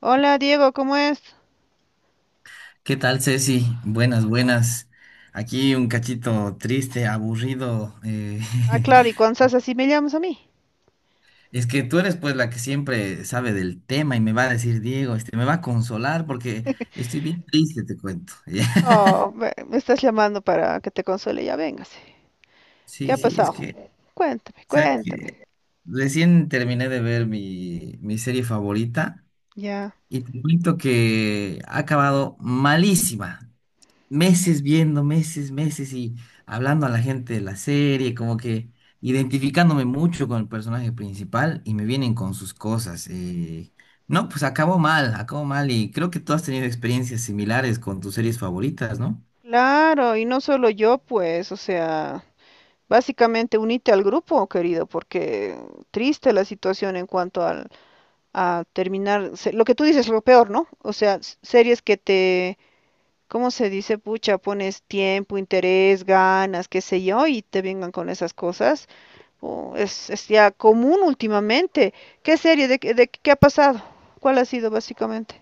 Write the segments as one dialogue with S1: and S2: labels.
S1: Hola Diego, ¿cómo es?
S2: ¿Qué tal, Ceci? Buenas, buenas. Aquí un cachito triste, aburrido.
S1: Ah, claro, y cuando estás así me llamas a mí.
S2: Es que tú eres pues la que siempre sabe del tema y me va a decir, Diego, me va a consolar porque estoy bien triste, te cuento.
S1: Oh, me estás llamando para que te console, ya véngase. ¿Qué
S2: Sí,
S1: ha
S2: sí, es
S1: pasado?
S2: que,
S1: Cuéntame,
S2: ¿sabes
S1: cuéntame.
S2: qué? Recién terminé de ver mi serie favorita
S1: Ya.
S2: y te cuento que ha acabado malísima. Meses viendo, meses, meses y hablando a la gente de la serie, como que identificándome mucho con el personaje principal y me vienen con sus cosas. No, pues acabó mal y creo que tú has tenido experiencias similares con tus series favoritas, ¿no?
S1: Claro, y no solo yo, pues, o sea, básicamente unite al grupo, querido, porque triste la situación en cuanto al, a terminar, lo que tú dices es lo peor, ¿no? O sea, series que te, ¿cómo se dice, pucha? Pones tiempo, interés, ganas, qué sé yo, y te vengan con esas cosas. Oh, es ya común últimamente. ¿Qué serie? ¿De, de qué ha pasado? ¿Cuál ha sido básicamente?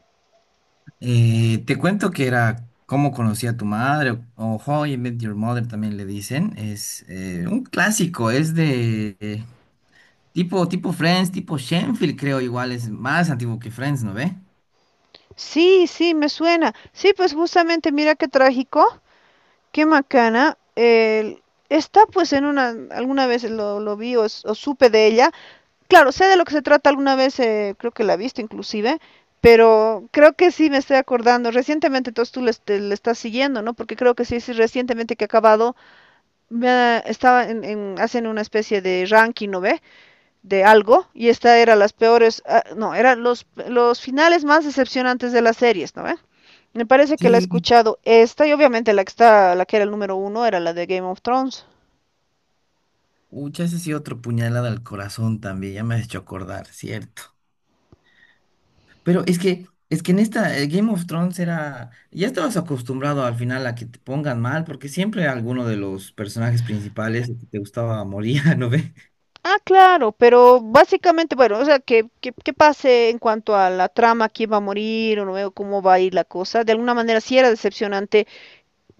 S2: Te cuento que era Cómo conocí a tu madre o How I Met Your Mother también le dicen. Es un clásico, es de tipo Friends, tipo Shenfield creo igual, es más antiguo que Friends, ¿no ve?
S1: Sí, sí, me suena. Sí, pues justamente, mira qué trágico, qué macana. El- está pues en una, alguna vez lo vi o, o supe de ella. Claro, sé de lo que se trata alguna vez, creo que la he visto inclusive, pero creo que sí me estoy acordando. Recientemente, entonces tú le, le estás siguiendo, ¿no? Porque creo que sí, sí, recientemente que ha acabado, estaba en, hacen una especie de ranking, ¿no ve? De algo y esta era las peores, no, eran los finales más decepcionantes de las series, ¿no ve? ¿Eh? Me parece que la he
S2: Sí,
S1: escuchado esta y obviamente la que está, la que era el número uno era la de Game of Thrones.
S2: Ucha, ese sí otro puñalada al corazón también, ya me has hecho acordar, cierto. Pero es que en esta Game of Thrones era, ya estabas acostumbrado al final a que te pongan mal, porque siempre alguno de los personajes principales que te gustaba moría, ¿no ve?
S1: Ah, claro, pero básicamente, bueno, o sea, que pase en cuanto a la trama, quién va a morir, o no veo cómo va a ir la cosa. De alguna manera sí era decepcionante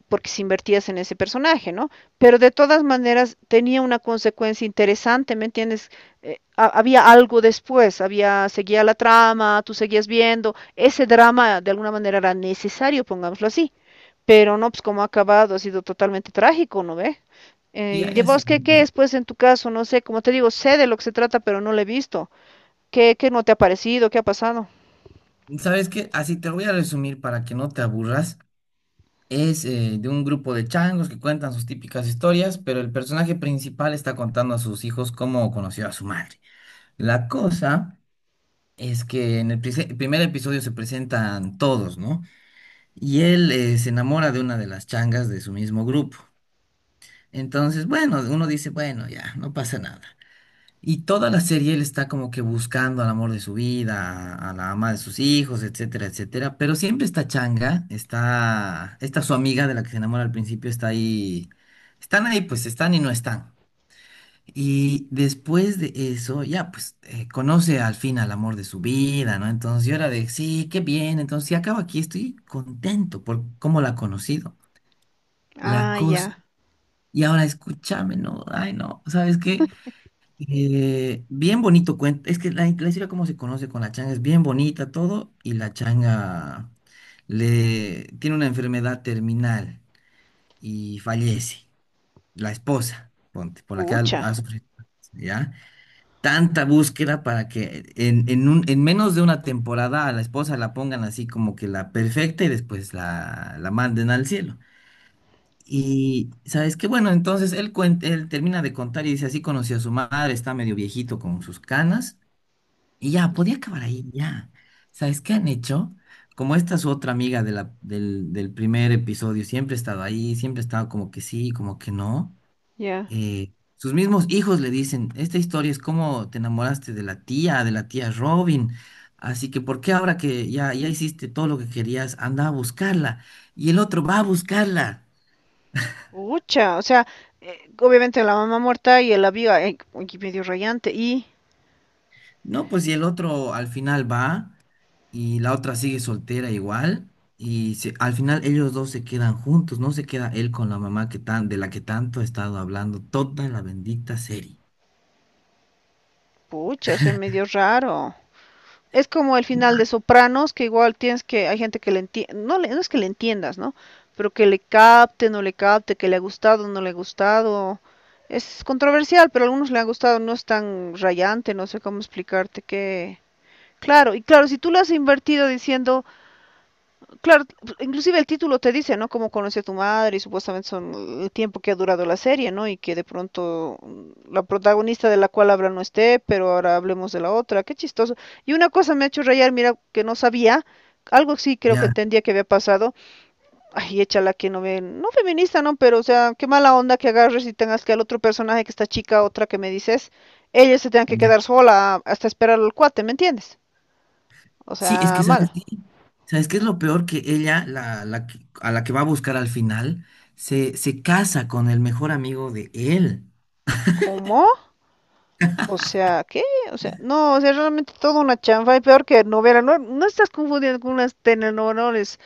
S1: porque si invertías en ese personaje, ¿no? Pero de todas maneras tenía una consecuencia interesante, ¿me entiendes? Había algo después, había, seguía la trama, tú seguías viendo, ese drama de alguna manera era necesario, pongámoslo así, pero no, pues como ha acabado, ha sido totalmente trágico, ¿no ve?
S2: Sí,
S1: ¿Y
S2: hay
S1: de
S2: así
S1: vos qué,
S2: un
S1: qué
S2: grupo.
S1: es, pues, en tu caso? No sé, como te digo, sé de lo que se trata, pero no lo he visto. ¿Qué, qué no te ha parecido? ¿Qué ha pasado?
S2: ¿Sabes qué? Así te voy a resumir para que no te aburras. Es de un grupo de changos que cuentan sus típicas historias, pero el personaje principal está contando a sus hijos cómo conoció a su madre. La cosa es que en el primer episodio se presentan todos, ¿no? Y él se enamora de una de las changas de su mismo grupo. Entonces, bueno, uno dice, bueno, ya, no pasa nada. Y toda la serie él está como que buscando al amor de su vida, a la ama de sus hijos, etcétera, etcétera. Pero siempre esta changa, está, esta su amiga de la que se enamora al principio está ahí. Están ahí, pues están y no están. Y después de eso, ya pues conoce al fin al amor de su vida, ¿no? Entonces yo era de, sí, qué bien, entonces si acabo aquí, estoy contento por cómo la ha conocido, la
S1: Ah,
S2: cosa.
S1: ya.
S2: Y ahora escúchame, ¿no? Ay, no, ¿sabes qué? Bien bonito cuento, es que la historia cómo se conoce con la changa es bien bonita todo y la changa le tiene una enfermedad terminal y fallece, la esposa, ponte, por la que ha
S1: Pucha.
S2: ha sufrido, ¿ya? Tanta búsqueda para que en menos de una temporada a la esposa la pongan así como que la perfecta y después la manden al cielo. Y sabes qué, bueno, entonces él, él termina de contar y dice, así conoció a su madre, está medio viejito con sus canas y ya, podía acabar ahí, ya. ¿Sabes qué han hecho? Como esta su otra amiga del primer episodio, siempre ha estado ahí, siempre ha estado como que sí, como que no
S1: Ya.
S2: sus mismos hijos le dicen, esta historia es cómo te enamoraste de la tía Robin, así que ¿por qué ahora que ya hiciste todo lo que querías, anda a buscarla? Y el otro va a buscarla.
S1: Pucha, o sea, obviamente la mamá muerta y el avión, medio rayante, y
S2: No, pues y el otro al final va y la otra sigue soltera igual. Y al final ellos dos se quedan juntos, no se queda él con la mamá que tan, de la que tanto ha estado hablando toda la bendita serie.
S1: pucha, se medio raro. Es como el final de Sopranos, que igual tienes que, hay gente que le entiende, no, no es que le entiendas, ¿no? Pero que le capte, no le capte, que le ha gustado, no le ha gustado. Es controversial, pero a algunos le ha gustado, no es tan rayante, no sé cómo explicarte que... Claro, y claro, si tú le has invertido diciendo, claro, inclusive el título te dice, ¿no? Cómo conocí a tu madre y supuestamente son el tiempo que ha durado la serie, ¿no? Y que de pronto la protagonista de la cual habla no esté, pero ahora hablemos de la otra. Qué chistoso. Y una cosa me ha hecho rayar, mira, que no sabía, algo sí creo que
S2: Ya,
S1: entendía que había pasado. Ay, échala que no ve, no feminista, ¿no? Pero, o sea, qué mala onda que agarres y tengas que al otro personaje, que esta chica, otra que me dices, ella se tenga que
S2: ya.
S1: quedar sola hasta esperar al cuate, ¿me entiendes? O
S2: Sí, es
S1: sea,
S2: que ¿sabes
S1: mal.
S2: qué? ¿Sabes qué es lo peor? Que ella, a la que va a buscar al final, se casa con el mejor amigo de él.
S1: ¿Cómo? O sea, ¿qué? O sea, no, o sea, realmente toda una chanfa y peor que novela. No, no estás confundiendo con unas telenovelas.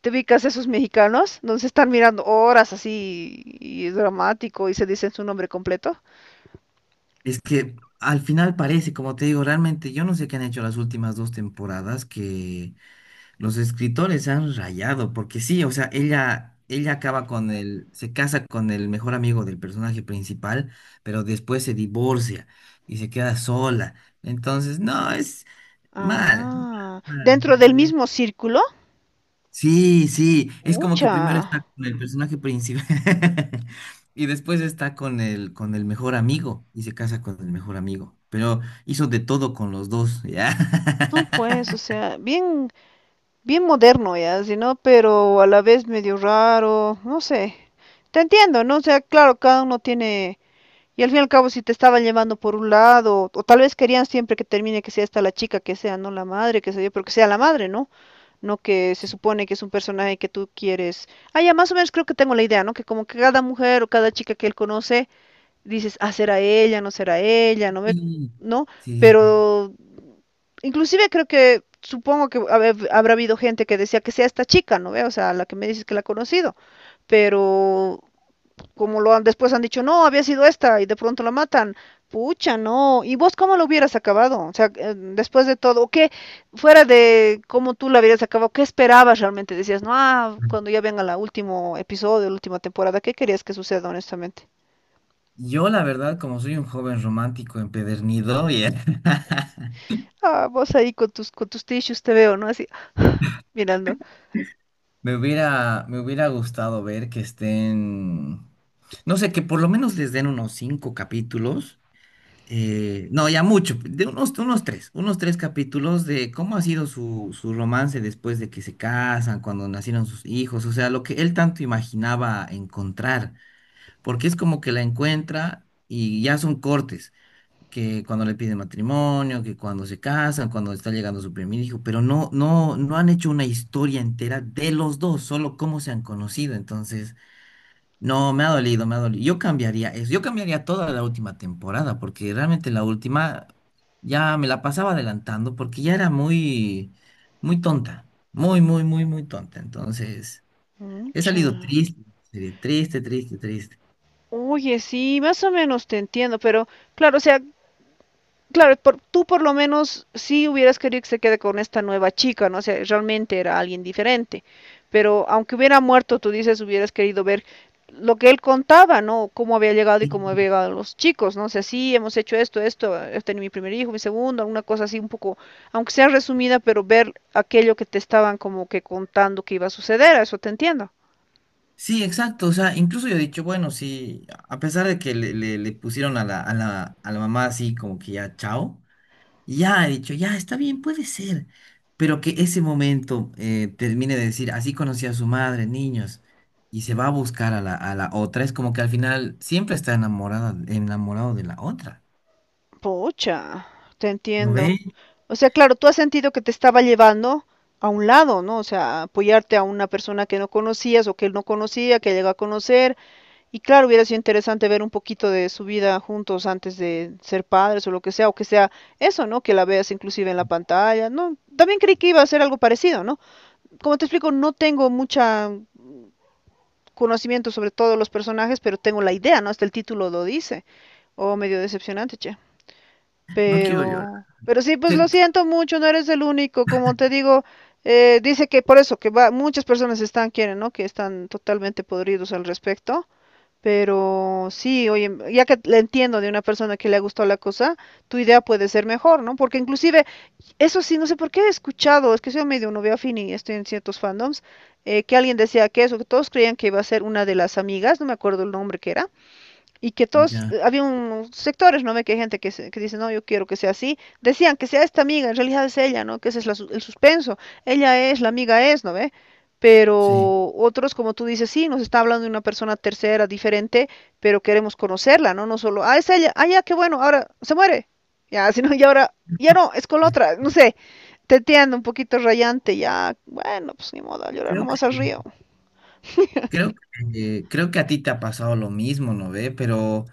S1: Te ubicas esos mexicanos donde se están mirando horas así y es dramático y se dicen su nombre completo.
S2: Es que al final parece, como te digo, realmente yo no sé qué han hecho las últimas 2 temporadas, que los escritores han rayado, porque sí, o sea, ella acaba con el, se casa con el mejor amigo del personaje principal, pero después se divorcia y se queda sola. Entonces, no, es mal.
S1: Ah, dentro del
S2: Mal.
S1: mismo círculo.
S2: Sí, sí, es como que
S1: Ucha.
S2: primero está con el personaje principal y después está con el mejor amigo y se casa con el mejor amigo, pero hizo de todo con los dos, ¿ya?
S1: No, pues, o sea, bien moderno ya, si no, pero a la vez medio raro, no sé. Te entiendo, ¿no? O sea, claro, cada uno tiene. Y al fin y al cabo, si te estaban llevando por un lado, o tal vez querían siempre que termine que sea esta la chica, que sea, no la madre, que sea yo, pero que sea la madre, ¿no? No que se supone que es un personaje que tú quieres. Ah, ya más o menos creo que tengo la idea, ¿no? Que como que cada mujer o cada chica que él conoce, dices, ah, será ella, no me,
S2: Sí,
S1: ¿no?
S2: sí.
S1: Pero inclusive creo que, supongo que habrá habido gente que decía que sea esta chica, ¿no ve? O sea, la que me dices que la ha conocido, pero como lo han, después han dicho, no, había sido esta y de pronto la matan. Pucha, no. ¿Y vos cómo lo hubieras acabado? O sea, después de todo, ¿o ¿qué, fuera de cómo tú la hubieras acabado, qué esperabas realmente? Decías, no, ah, cuando ya venga el último episodio, la última temporada, ¿qué querías que suceda, honestamente?
S2: Yo la verdad, como soy un joven romántico empedernido, ya,
S1: Ah, vos ahí con tus tissues te veo, ¿no? Así, mirando.
S2: Me hubiera gustado ver que estén, no sé, que por lo menos les den unos 5 capítulos no, ya mucho, de unos 3 capítulos de cómo ha sido su romance después de que se casan, cuando nacieron sus hijos, o sea, lo que él tanto imaginaba encontrar, porque es como que la encuentra y ya son cortes, que cuando le piden matrimonio, que cuando se casan, cuando está llegando su primer hijo, pero no, no, no han hecho una historia entera de los dos, solo cómo se han conocido, entonces... No, me ha dolido, me ha dolido. Yo cambiaría eso. Yo cambiaría toda la última temporada, porque realmente la última ya me la pasaba adelantando, porque ya era muy, muy tonta. Muy, muy, muy, muy tonta. Entonces, he
S1: Pucha.
S2: salido triste, triste, triste, triste.
S1: Oye, sí, más o menos te entiendo, pero claro, o sea, claro, tú por lo menos sí hubieras querido que se quede con esta nueva chica, ¿no? O sea, realmente era alguien diferente. Pero aunque hubiera muerto, tú dices, hubieras querido ver lo que él contaba, ¿no? Cómo había llegado y cómo había
S2: Sí,
S1: llegado los chicos, ¿no? O sea, sí, hemos hecho esto, esto, he tenido mi primer hijo, mi segundo, alguna cosa así un poco, aunque sea resumida, pero ver aquello que te estaban como que contando que iba a suceder, a eso te entiendo.
S2: sí, exacto. O sea, incluso yo he dicho, bueno, sí, a pesar de que le pusieron a la mamá así como que ya chao. Ya he dicho, ya está bien, puede ser, pero que ese momento termine de decir, así conocí a su madre, niños, y se va a buscar a la otra, es como que al final siempre está enamorada, enamorado de la otra.
S1: Pucha, te
S2: ¿No
S1: entiendo.
S2: ve?
S1: O sea, claro, tú has sentido que te estaba llevando a un lado, ¿no? O sea, apoyarte a una persona que no conocías o que él no conocía, que llegó a conocer. Y claro, hubiera sido interesante ver un poquito de su vida juntos antes de ser padres o lo que sea, o que sea eso, ¿no? Que la veas inclusive en la pantalla, ¿no? También creí que iba a ser algo parecido, ¿no? Como te explico, no tengo mucha conocimiento sobre todos los personajes, pero tengo la idea, ¿no? Hasta el título lo dice. Oh, medio decepcionante, che.
S2: No quiero llorar.
S1: Pero sí, pues lo
S2: Te-
S1: siento mucho, no eres el único, como te digo, dice que por eso, que va, muchas personas están, quieren, ¿no? Que están totalmente podridos al respecto, pero sí, oye, ya que le entiendo de una persona que le ha gustado la cosa, tu idea puede ser mejor, ¿no? Porque inclusive, eso sí, no sé por qué he escuchado, es que soy medio novia fin y estoy en ciertos fandoms, que alguien decía que eso, que todos creían que iba a ser una de las amigas, no me acuerdo el nombre que era, y que todos,
S2: Ya,
S1: había unos sectores, ¿no ve? Que hay gente que, que dice, no, yo quiero que sea así. Decían que sea esta amiga, en realidad es ella, ¿no? Que ese es la el suspenso. Ella es, la amiga es, ¿no ve?
S2: sí.
S1: Pero otros, como tú dices, sí, nos está hablando de una persona tercera, diferente, pero queremos conocerla, ¿no? No solo, ah, es ella, ah, ya, qué bueno, ahora se muere. Ya, si no, y ahora, ya no, es con la otra, no sé. Te entiendo, un poquito rayante, ya. Bueno, pues ni modo, a llorar
S2: Creo que
S1: nomás al río.
S2: Creo creo que a ti te ha pasado lo mismo, ¿no ve? Pero,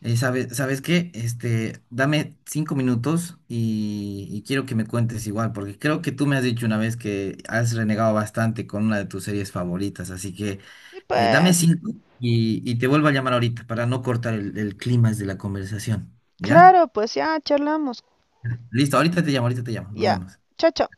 S2: ¿sabes qué? Dame 5 minutos y quiero que me cuentes igual, porque creo que tú me has dicho una vez que has renegado bastante con una de tus series favoritas, así que
S1: Y
S2: dame
S1: pues,
S2: cinco y te vuelvo a llamar ahorita para no cortar el clima de la conversación, ¿ya?
S1: claro, pues ya charlamos.
S2: Listo, ahorita te llamo, nos
S1: Ya,
S2: vemos.
S1: chao, chao.